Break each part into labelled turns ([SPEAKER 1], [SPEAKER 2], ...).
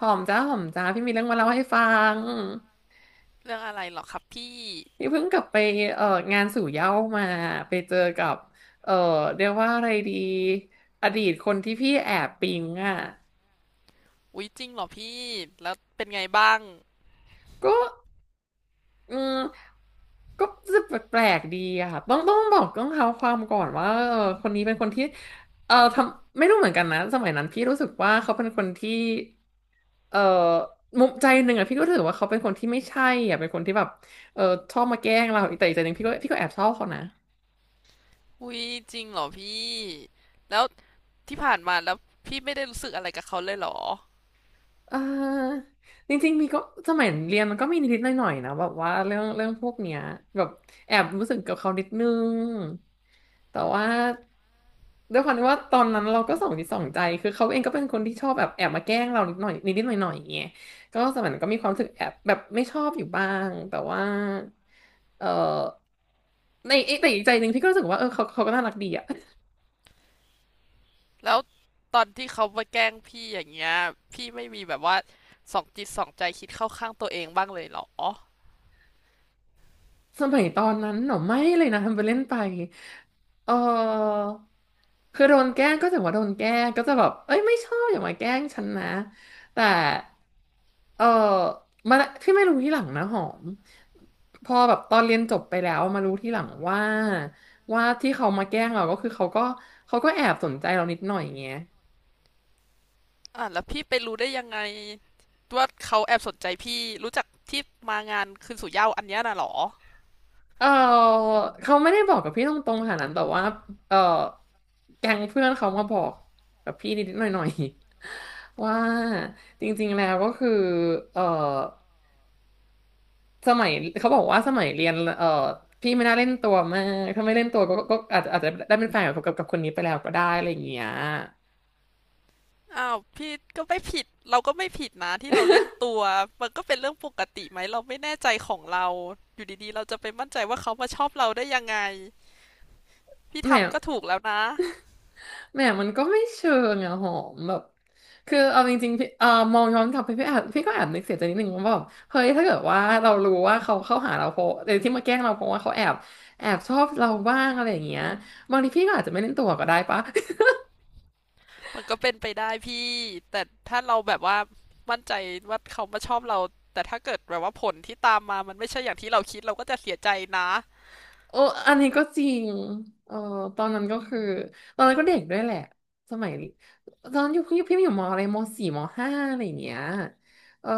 [SPEAKER 1] หอมจ้าหอมจ้าพี่มีเรื่องมาเล่าให้ฟัง
[SPEAKER 2] เรื่องอะไรเหรอครับพี่
[SPEAKER 1] พี่เพิ่งกลับไปเอ่องานสู่เหย้ามาไปเจอกับเอ่อเรียกว่าอะไรดีอดีตคนที่พี่แอบปิ๊งอ่ะ
[SPEAKER 2] อุ๊ยจริงเหรอพี่แล้วเป็นไงบ้าง
[SPEAKER 1] ก็อืมก็รู้สึกแปลกๆดีอะค่ะต้องบอกต้องเท้าความก่อนว่าเออคนนี้เป็นคนที่ทำไม่รู้เหมือนกันนะสมัยนั้นพี่รู้สึกว่าเขาเป็นคนที่เอ่อมุมใจหนึ่งอะพี่ก็รู้สึกว่าเขาเป็นคนที่ไม่ใช่อะเป็นคนที่แบบเออชอบมาแกล้งเราแต่อีกใจหนึ่งพี่ก็แอบชอบเขานะ
[SPEAKER 2] อุ๊ยจริงเหรอพี่แล้วที่ผ่านมาแล้วพี่ไม่ได้รู้สึกอะไรกับเขาเลยเหรอ
[SPEAKER 1] เออจริงๆมีก็สมัยเรียนมันก็มีนิดๆหน่อยๆนะแบบว่าเรื่องพวกเนี้ยแบบแอบรู้สึกกับเขานิดนึงแต่ว่าด้วยความที่ว่าตอนนั้นเราก็สองจิตสองใจคือเขาเองก็เป็นคนที่ชอบแบบแอบมาแกล้งเรานิดหน่อยนิดๆหน่อยๆอย่างเงี้ยก็สมัยนั้นก็มีความรู้สึกแอบแบบไม่ชอบอยู่บ้างแต่ว่าเออในเอ๊ะแต่อีกใจหนึ่งพี่ก็รู้สึกว่าเออเขาก็น่ารักดีอะ
[SPEAKER 2] แล้วตอนที่เขามาแกล้งพี่อย่างเงี้ยพี่ไม่มีแบบว่าสองจิตสองใจคิดเข้าข้างตัวเองบ้างเลยเหรอ
[SPEAKER 1] สมัยตอนนั้นหนอไม่เลยนะทำไปเล่นไปเออ คือโดนแกล้งก็จะว่าโดนแกล้งก็จะแบบเอ้ยไม่ชอบอย่ามาแกล้งฉันนะแต่เออมาที่ไม่รู้ที่หลังนะหอมพอแบบตอนเรียนจบไปแล้วมารู้ที่หลังว่าที่เขามาแกล้งเราก็คือเขาก็เขาก็แอบสนใจเรานิดหน่อยอย่างเงี้ย
[SPEAKER 2] อ่ะแล้วพี่ไปรู้ได้ยังไงว่าเขาแอบสนใจพี่รู้จักที่มางานคืนสู่เหย้าอันเนี้ยน่ะเหรอ
[SPEAKER 1] เออเขาไม่ได้บอกกับพี่ตรงๆขนาดนั้นแต่ว่าเออแก๊งเพื่อนเขามาบอกกับพี่นิดๆหน่อยๆ ว่าจริงๆแล้วก็คือเออ สมัยเขาบอกว่าสมัยเรียนพี่ไม่น่าเล่นตัวมากถ้าไม่เล่นตัวก็อาจจะได้เป็นแฟนกับคนนี้ไปแล้วก็ได้อะไรอย่างเงี้ย
[SPEAKER 2] อ้าวพี่ก็ไม่ผิดเราก็ไม่ผิดนะที่เราเล่นตัวมันก็เป็นเรื่องปกติไหมเราไม่แน่ใจของเราอยู่ดีๆเราจะไปมั่นใจว่าเขามาชอบเราได้ยังไงพี่
[SPEAKER 1] แหม
[SPEAKER 2] ทำก็ถูกแล้วนะ
[SPEAKER 1] แหมมันก็ไม่เชิงอะหอมแบบคือเอาจริงๆพี่มองย้อนกลับไปพี่ก็แอบนึกเสียใจนิดนึงว่าแบบเฮ้ยถ้าเกิดว่าเรารู้ว่าเขาเข้าหาเราเพราะที่มาแกล้งเราเพราะว่าเขาแอบชอบเราบ้างอะไรอย่างเงี้ยบางทีพี่ก็อาจจะไม่เล่นตัวก็ได้ปะ
[SPEAKER 2] มันก็เป็นไปได้พี่แต่ถ้าเราแบบว่ามั่นใจว่าเขามาชอบเราแต่ถ้าเกิดแบบว่าผลที่ตามมามันไม่ใช่อย่างที่เราคิดเราก็จะเสียใจนะ
[SPEAKER 1] โอ้อันนี้ก็จริงเออตอนนั้นก็คือตอนนั้นก็เด็กด้วยแหละสมัยตอนนั้นอยู่พี่อยู่มอะไรมสี่มห้าอะไรอย่างเงี้ยเออ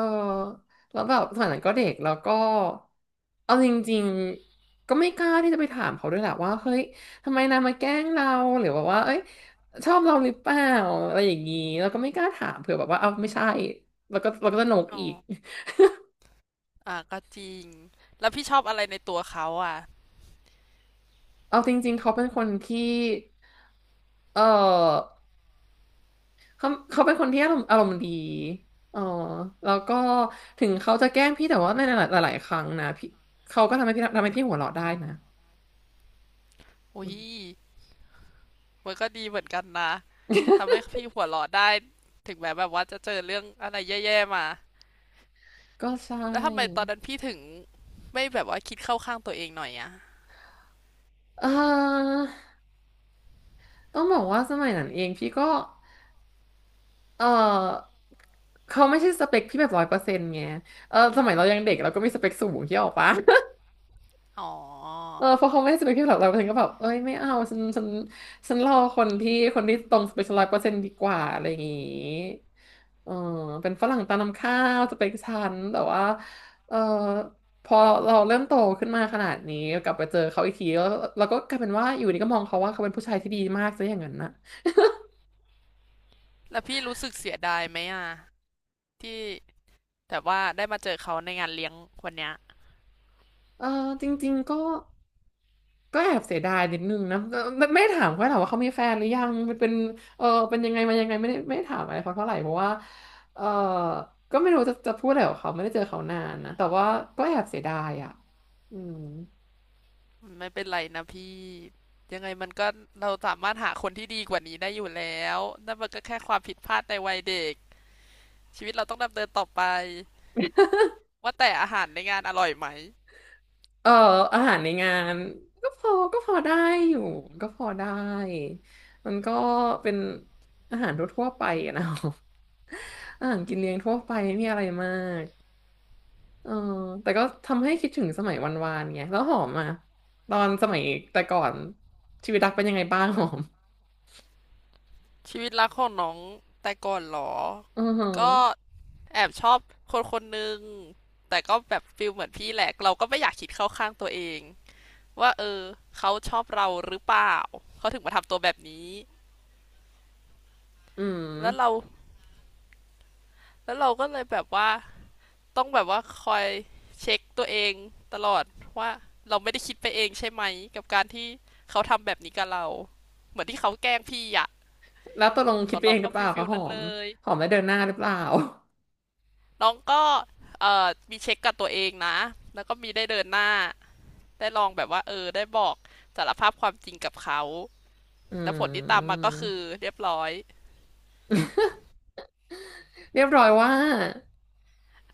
[SPEAKER 1] แล้วแบบสมัยนั้นก็เด็กแล้วก็เอาจริงๆก็ไม่กล้าที่จะไปถามเขาด้วยแหละว่าเฮ้ยทำไมนายมาแกล้งเราหรือแบบว่าเอ้ยชอบเราหรือเปล่าอะไรอย่างงี้แล้วก็ไม่กล้าถามเผื่อแบบว่าเอาไม่ใช่แล้วก็จะโหนก
[SPEAKER 2] อ๋อ
[SPEAKER 1] อีก
[SPEAKER 2] อ่ะก็จริงแล้วพี่ชอบอะไรในตัวเขาอ่ะ
[SPEAKER 1] เอาจริงๆเขาเป็นคนที่เออ เขาเป็นคนที่อารมณ์ดีอ๋อแล้วก็ถึงเขาจะแกล้งพี่แต่ว่าในหลายๆครั้งนะพี่เขาก็ทำให้พี่หัวเราะได้นะอื
[SPEAKER 2] อุ้ย
[SPEAKER 1] ม
[SPEAKER 2] มันก็ดีเหมือนกันนะ ทำให้พี่หัวเราะได้ถึงแม้แบบว่าจะเจอเรื่องอะไรแย่ๆมา
[SPEAKER 1] ก็ใช่
[SPEAKER 2] แล้วทำไมตอนนั้นพี่ถึงไม่แบบว่าคิดเข้าข้างตัวเองหน่อยอะ
[SPEAKER 1] เออต้องบอกว่าสมัยนั้นเองพี่ก็เออเขาไม่ใช่สเปคพี่แบบร้อยเปอร์เซ็นต์ไงเออสมัยเรายังเด็กเราก็มีสเปคสูงที่ออกปะ
[SPEAKER 2] อ๋อ
[SPEAKER 1] เพราะเขาไม่ให้สเปคพี่แบกเราฉันก็แบบเอ้ยไม่เอาฉันรอคนที่ตรงสเปคร้อยเปอร์เซ็นต์ดีกว่าอะไรอย่างงี้เออเป็นฝรั่งตามน้ำข้าวสเปคฉันแต่ว่าเออพอเราเริ่มโตขึ้นมาขนาดนี้กลับไปเจอเขาอีกทีแล้วเราก็กลายเป็นว่าอยู่ดีก็มองเขาว่าเขาเป็นผู้ชายที่ดีมากซะอย่างนั้นนะ
[SPEAKER 2] แล้วพี่รู้สึกเสียดายไหมอะที่แบบว่าได้มาเจอเขาในงานเลี้ยงวันเนี้ย
[SPEAKER 1] เออจริงๆก็ ก็แอบเสียดายนิดนึงนะก็ไม่ถามเขาถามว่าเขามีแฟนหรือยังมันเป็นเป็นยังไงมายังไงไม่ได้ถามอะไรเขาเท่าไหร่เพราะว่าเออก็ไม่รู้จะพูดอะไรกับเขาไม่ได้เจอเขานานนะแต่ว่าก็แอบเสียดายอ่ะอืม
[SPEAKER 2] ไม่เป็นไรนะพี่ยังไงมันก็เราสามารถหาคนที่ดีกว่านี้ได้อยู่แล้วนั่นมันก็แค่ความผิดพลาดในวัยเด็กชีวิตเราต้องดำเนินต่อไปว่าแต่อาหารในงานอร่อยไหม
[SPEAKER 1] เอออาหารในงานก็พอได้อยู่ก็พอได้มันก็เป็นอาหารทั่วๆไปอะนะ อาหารกินเลี้ยงทั่วไปไม่มีอะไรมาก เออแต่ก็ทำให้คิดถึงสมัยวันวานไงแล้วหอมอ่ะตอนสมัยแต่ก่อนชีวิตรักเป็นยังไงบ้าง หอม
[SPEAKER 2] ชีวิตรักของน้องแต่ก่อนเหรอ
[SPEAKER 1] อือฮึ
[SPEAKER 2] ก็
[SPEAKER 1] อ
[SPEAKER 2] แอบชอบคนคนหนึ่งแต่ก็แบบฟิลเหมือนพี่แหละเราก็ไม่อยากคิดเข้าข้างตัวเองว่าเออเขาชอบเราหรือเปล่า เขาถึงมาทำตัวแบบนี้
[SPEAKER 1] ืม
[SPEAKER 2] แล้วเราแล้วเราก็เลยแบบว่าต้องแบบว่าคอยเช็คตัวเองตลอดว่าเราไม่ได้คิดไปเองใช่ไหมกับการที่เขาทำแบบนี้กับเรา เหมือนที่เขาแกล้งพี่อะ
[SPEAKER 1] แล้วตกลง
[SPEAKER 2] ข
[SPEAKER 1] คิด
[SPEAKER 2] อง
[SPEAKER 1] ไป
[SPEAKER 2] เรา
[SPEAKER 1] เองห
[SPEAKER 2] ก็
[SPEAKER 1] รือเป
[SPEAKER 2] ฟิ
[SPEAKER 1] ล่า
[SPEAKER 2] ลฟิ
[SPEAKER 1] คะ
[SPEAKER 2] ล
[SPEAKER 1] หอ
[SPEAKER 2] นั้น
[SPEAKER 1] ม
[SPEAKER 2] เลย
[SPEAKER 1] หอมได้เดินหน้าหรือเปล่า
[SPEAKER 2] น้องก็มีเช็คกับตัวเองนะ แล้วก็มีได้เดินหน้า ได้ลองแบบว่าเออได้บอกสารภาพความจริงกับเขา
[SPEAKER 1] อื
[SPEAKER 2] แต่ผลที่ตามมาก็คือ
[SPEAKER 1] ม
[SPEAKER 2] เรียบร้อย
[SPEAKER 1] เรียบร้อยว่า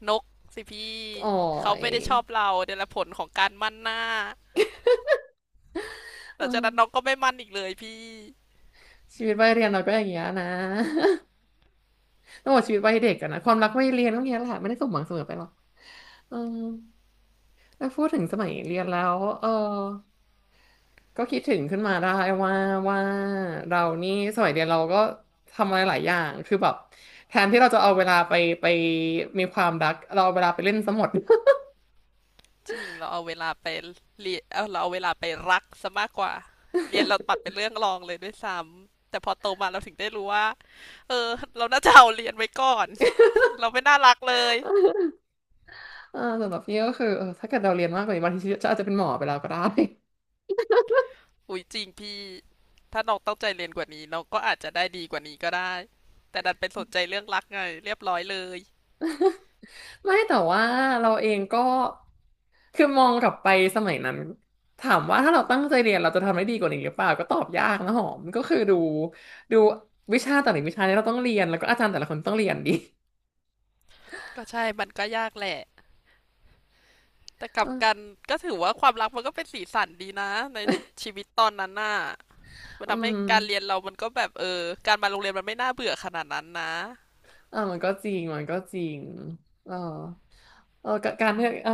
[SPEAKER 2] นกสิพี่
[SPEAKER 1] โอ๋อ
[SPEAKER 2] เขา
[SPEAKER 1] ย
[SPEAKER 2] ไม่ได้ชอบเราเนี่ยแหละผลของการมั่นหน้าห
[SPEAKER 1] เออ
[SPEAKER 2] ลังจากนั้นน้องก็ไม่มั่นอีกเลยพี่
[SPEAKER 1] ชีวิตวัยเรียนเราก็อย่างเงี้ยนะ ต้องบอกชีวิตวัยเด็กอะนะความรักวัยเรียนก็เงี้ยแหละไม่ได้สมหวังเสมอไปหรอกเออแล้วพูดถึงสมัยเรียนแล้วก็คิดถึงขึ้นมาได้ว่าว่าเรานี่สมัยเรียนเราก็ทำอะไรหลายอย่างคือแบบแทนที่เราจะเอาเวลาไปมีความรักเราเอาเวลาไปเล่นซะหมด
[SPEAKER 2] จริงเราเอาเวลาไปเรียนเอาเราเอาเวลาไปรักซะมากกว่าเรียนเราปัดเป็นเรื่องรองเลยด้วยซ้ำแต่พอโตมาเราถึงได้รู้ว่าเออเราน่าจะเอาเรียนไว้ก่อนเราไม่น่ารักเลย
[SPEAKER 1] สำหรับพี่ก็คือเออถ้าเกิดเราเรียนมากกว่านี้บางทีจะอาจจะเป็นหมอไปแล้วก็ได้
[SPEAKER 2] อุ๊ยจริงพี่ถ้าน้องตั้งใจเรียนกว่านี้น้องก็อาจจะได้ดีกว่านี้ก็ได้แต่ดันไปสนใจเรื่องรักไงเรียบร้อยเลย
[SPEAKER 1] ไม่แต่ว่าเราเองก็คือมองกลับไปสมัยนั้นถามว่าถ้าเราตั้งใจเรียนเราจะทำได้ดีกว่านี้หรือเปล่าก็ตอบยากนะหอมก็คือดูวิชาแต่ละวิชาเนี่ยเราต้องเรียนแล้วก็อาจารย์แต่ละคนต้องเรียนดี
[SPEAKER 2] ก็ใช่มันก็ยากแหละแต่กลับกัน ก็ถือว่าความรักมันก็เป็นสีสันดีนะในชีวิตตอนนั้นน่ะมัน
[SPEAKER 1] อื
[SPEAKER 2] ทำให้
[SPEAKER 1] ม
[SPEAKER 2] การเรียนเรามันก็แบบเออการมาโรงเรียนมันไม่น่าเบื่อขนาดนั้นนะ
[SPEAKER 1] มันก็จริงมันก็จริงเออเออการได้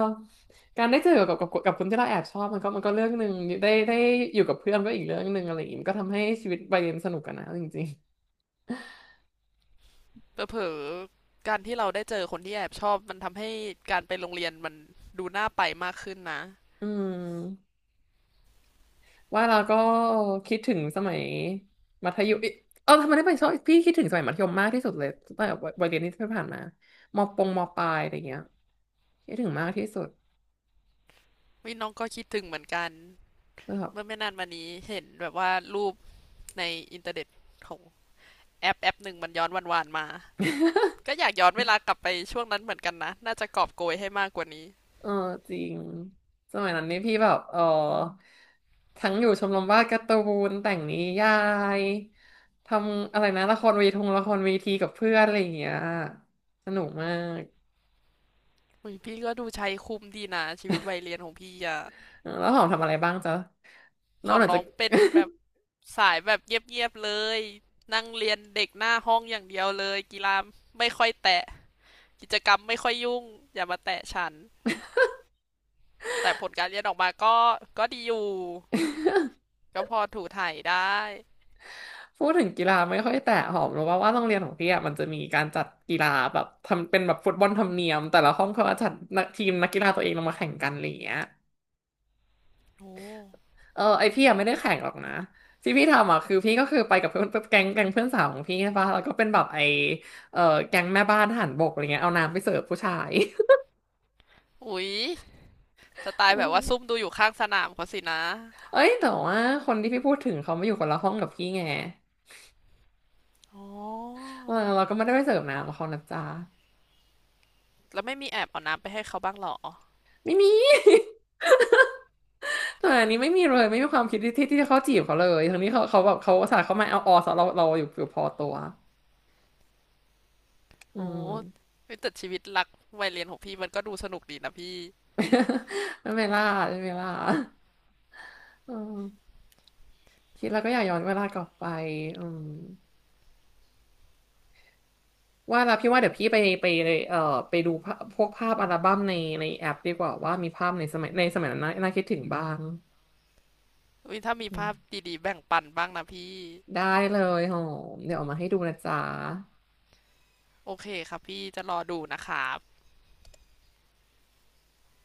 [SPEAKER 1] การได้เจอกับคนที่เราแอบชอบมันก็มันก็เรื่องหนึ่งได้อยู่กับเพื่อนก็อีกเรื่องหนึ่งอะไรอย่างงี้มันก็ทำให้ชีวิตวัยเรียนสนุกกันนะจริง
[SPEAKER 2] เผลอๆการที่เราได้เจอคนที่แอบชอบมันทำให้การไปโรงเรียนมันดูน่าไปมากขึ้นนะ
[SPEAKER 1] ๆอืมว่าเราก็คิดถึงสมัยมัธยมเอ้ยเออทำไมได้ไปชอบพี่คิดถึงสมัยมัธยมมากที่สุดเลยตั้งแต่วัยเรียนที่ผ่านมามปงมปลายอะไรเงี้ยคิดถึงมากที่สุด
[SPEAKER 2] วิน้องก็คิดถึงเหมือนกัน
[SPEAKER 1] นะครับ
[SPEAKER 2] เมื่อไม่นานมานี้เห็นแบบว่ารูป ในอินเทอร์เน็ตของแอปหนึ่งมันย้อนวันๆมาก็อยากย้อนเวลากลับไปช่วงนั้นเหมือนกันนะน่าจะกอบโกยให้มากกว่านี้
[SPEAKER 1] เออจริงสมัยนั้นนี่พี่แบบเออทั้งอยู่ชมรมวาดการ์ตูนแต่งนิยายทำอะไรนะละครเวทีกับเพื่อนอะไรอย่างเงี้ยสนุกมาก
[SPEAKER 2] อยพี่ก็ดูใช้คุ้มดีนะชีวิตวัยเรียนของพี่อะ
[SPEAKER 1] เออแล้วหอมทำอะไรบ้างจ๊ะน
[SPEAKER 2] ข
[SPEAKER 1] อก
[SPEAKER 2] องน้
[SPEAKER 1] จา
[SPEAKER 2] อ
[SPEAKER 1] ก
[SPEAKER 2] งเป็นแบบสายแบบเงียบๆเลยนั่งเรียนเด็กหน้าห้องอย่างเดียวเลยกีฬาไม่ค่อยแตะกิจกรรมไม่ค่อยยุ่งอย่ามาแตะฉันแต่ผลการเรียนออกมาก็ดีอยู่ก็พอถูถ่ายได้
[SPEAKER 1] พูดถึงกีฬาไม่ค่อยแต่หอมรู้ว่าโรงเรียนของพี่อะมันจะมีการจัดกีฬาแบบทำเป็นแบบฟุตบอลธรรมเนียมแต่ละห้องเขาก็จัดนักทีมนักกีฬาตัวเองลงมาแข่งกันอะไรอย่างเงี้ย
[SPEAKER 2] โอ้
[SPEAKER 1] เออไอพี่อะไม่ได้แข่งหรอกนะที่พี่ทำอ่ะคือพี่ก็คือไปกับเพื่อนแก๊งเพื่อนสาวของพี่ใช่ปะแล้วก็เป็นแบบไอเออแก๊งแม่บ้านทหารบกอะไรเงี้ยเอาน้ำไปเสิร์ฟผู้ชาย
[SPEAKER 2] อุสไต
[SPEAKER 1] เอ
[SPEAKER 2] ล์แบบว่าซุ่ม
[SPEAKER 1] อ
[SPEAKER 2] ดูอยู่ข้างสนามเขาสินะ
[SPEAKER 1] เอ้ยแต่ว่าคนที่พี่พูดถึงเขามาอยู่คนละห้องกับพี่ไง
[SPEAKER 2] อ๋อ
[SPEAKER 1] เออเราก็ไม่ได้ไปเสิร์ฟน้ำกับเขานะจ๊ะ
[SPEAKER 2] แล้วไม่มีแอบเอาน้ำไปให้เขาบ้างเหรอ
[SPEAKER 1] ไม่มี แต่อันนี้ไม่มีเลยไม่มีความคิดที่จะเข้าจีบเขาเลยทั้งนี้เขาแบบเขาอุตสาห์เขามาเอาออสเราอยู่พอตัวอื
[SPEAKER 2] โอ้
[SPEAKER 1] ม
[SPEAKER 2] เฮ้ยแต่ชีวิตรักวัยเรียนของพี่มันก็ดูสนุกดีนะพี่
[SPEAKER 1] ไม่เป็นไรล่าไม่เป็นไรล่าอืม คิดแล้วก็อยากย้อนเวลากลับไปอืมว่าแล้วพี่ว่าเดี๋ยวพี่ไปไปดูภาพพวกภาพอัลบั้มในแอปดีกว่าว่ามีภาพในสมัยนั้นน่าน่าคิดถึงบ้าง
[SPEAKER 2] เฮ้ยถ้ามี
[SPEAKER 1] อืม
[SPEAKER 2] ภาพดีๆแบ่งปันบ้างนะพี่
[SPEAKER 1] ได้เลยหอมเดี๋ยวเอามาให้ดูนะจ๊ะ
[SPEAKER 2] โอเคครับพี่จะรอดูนะครับ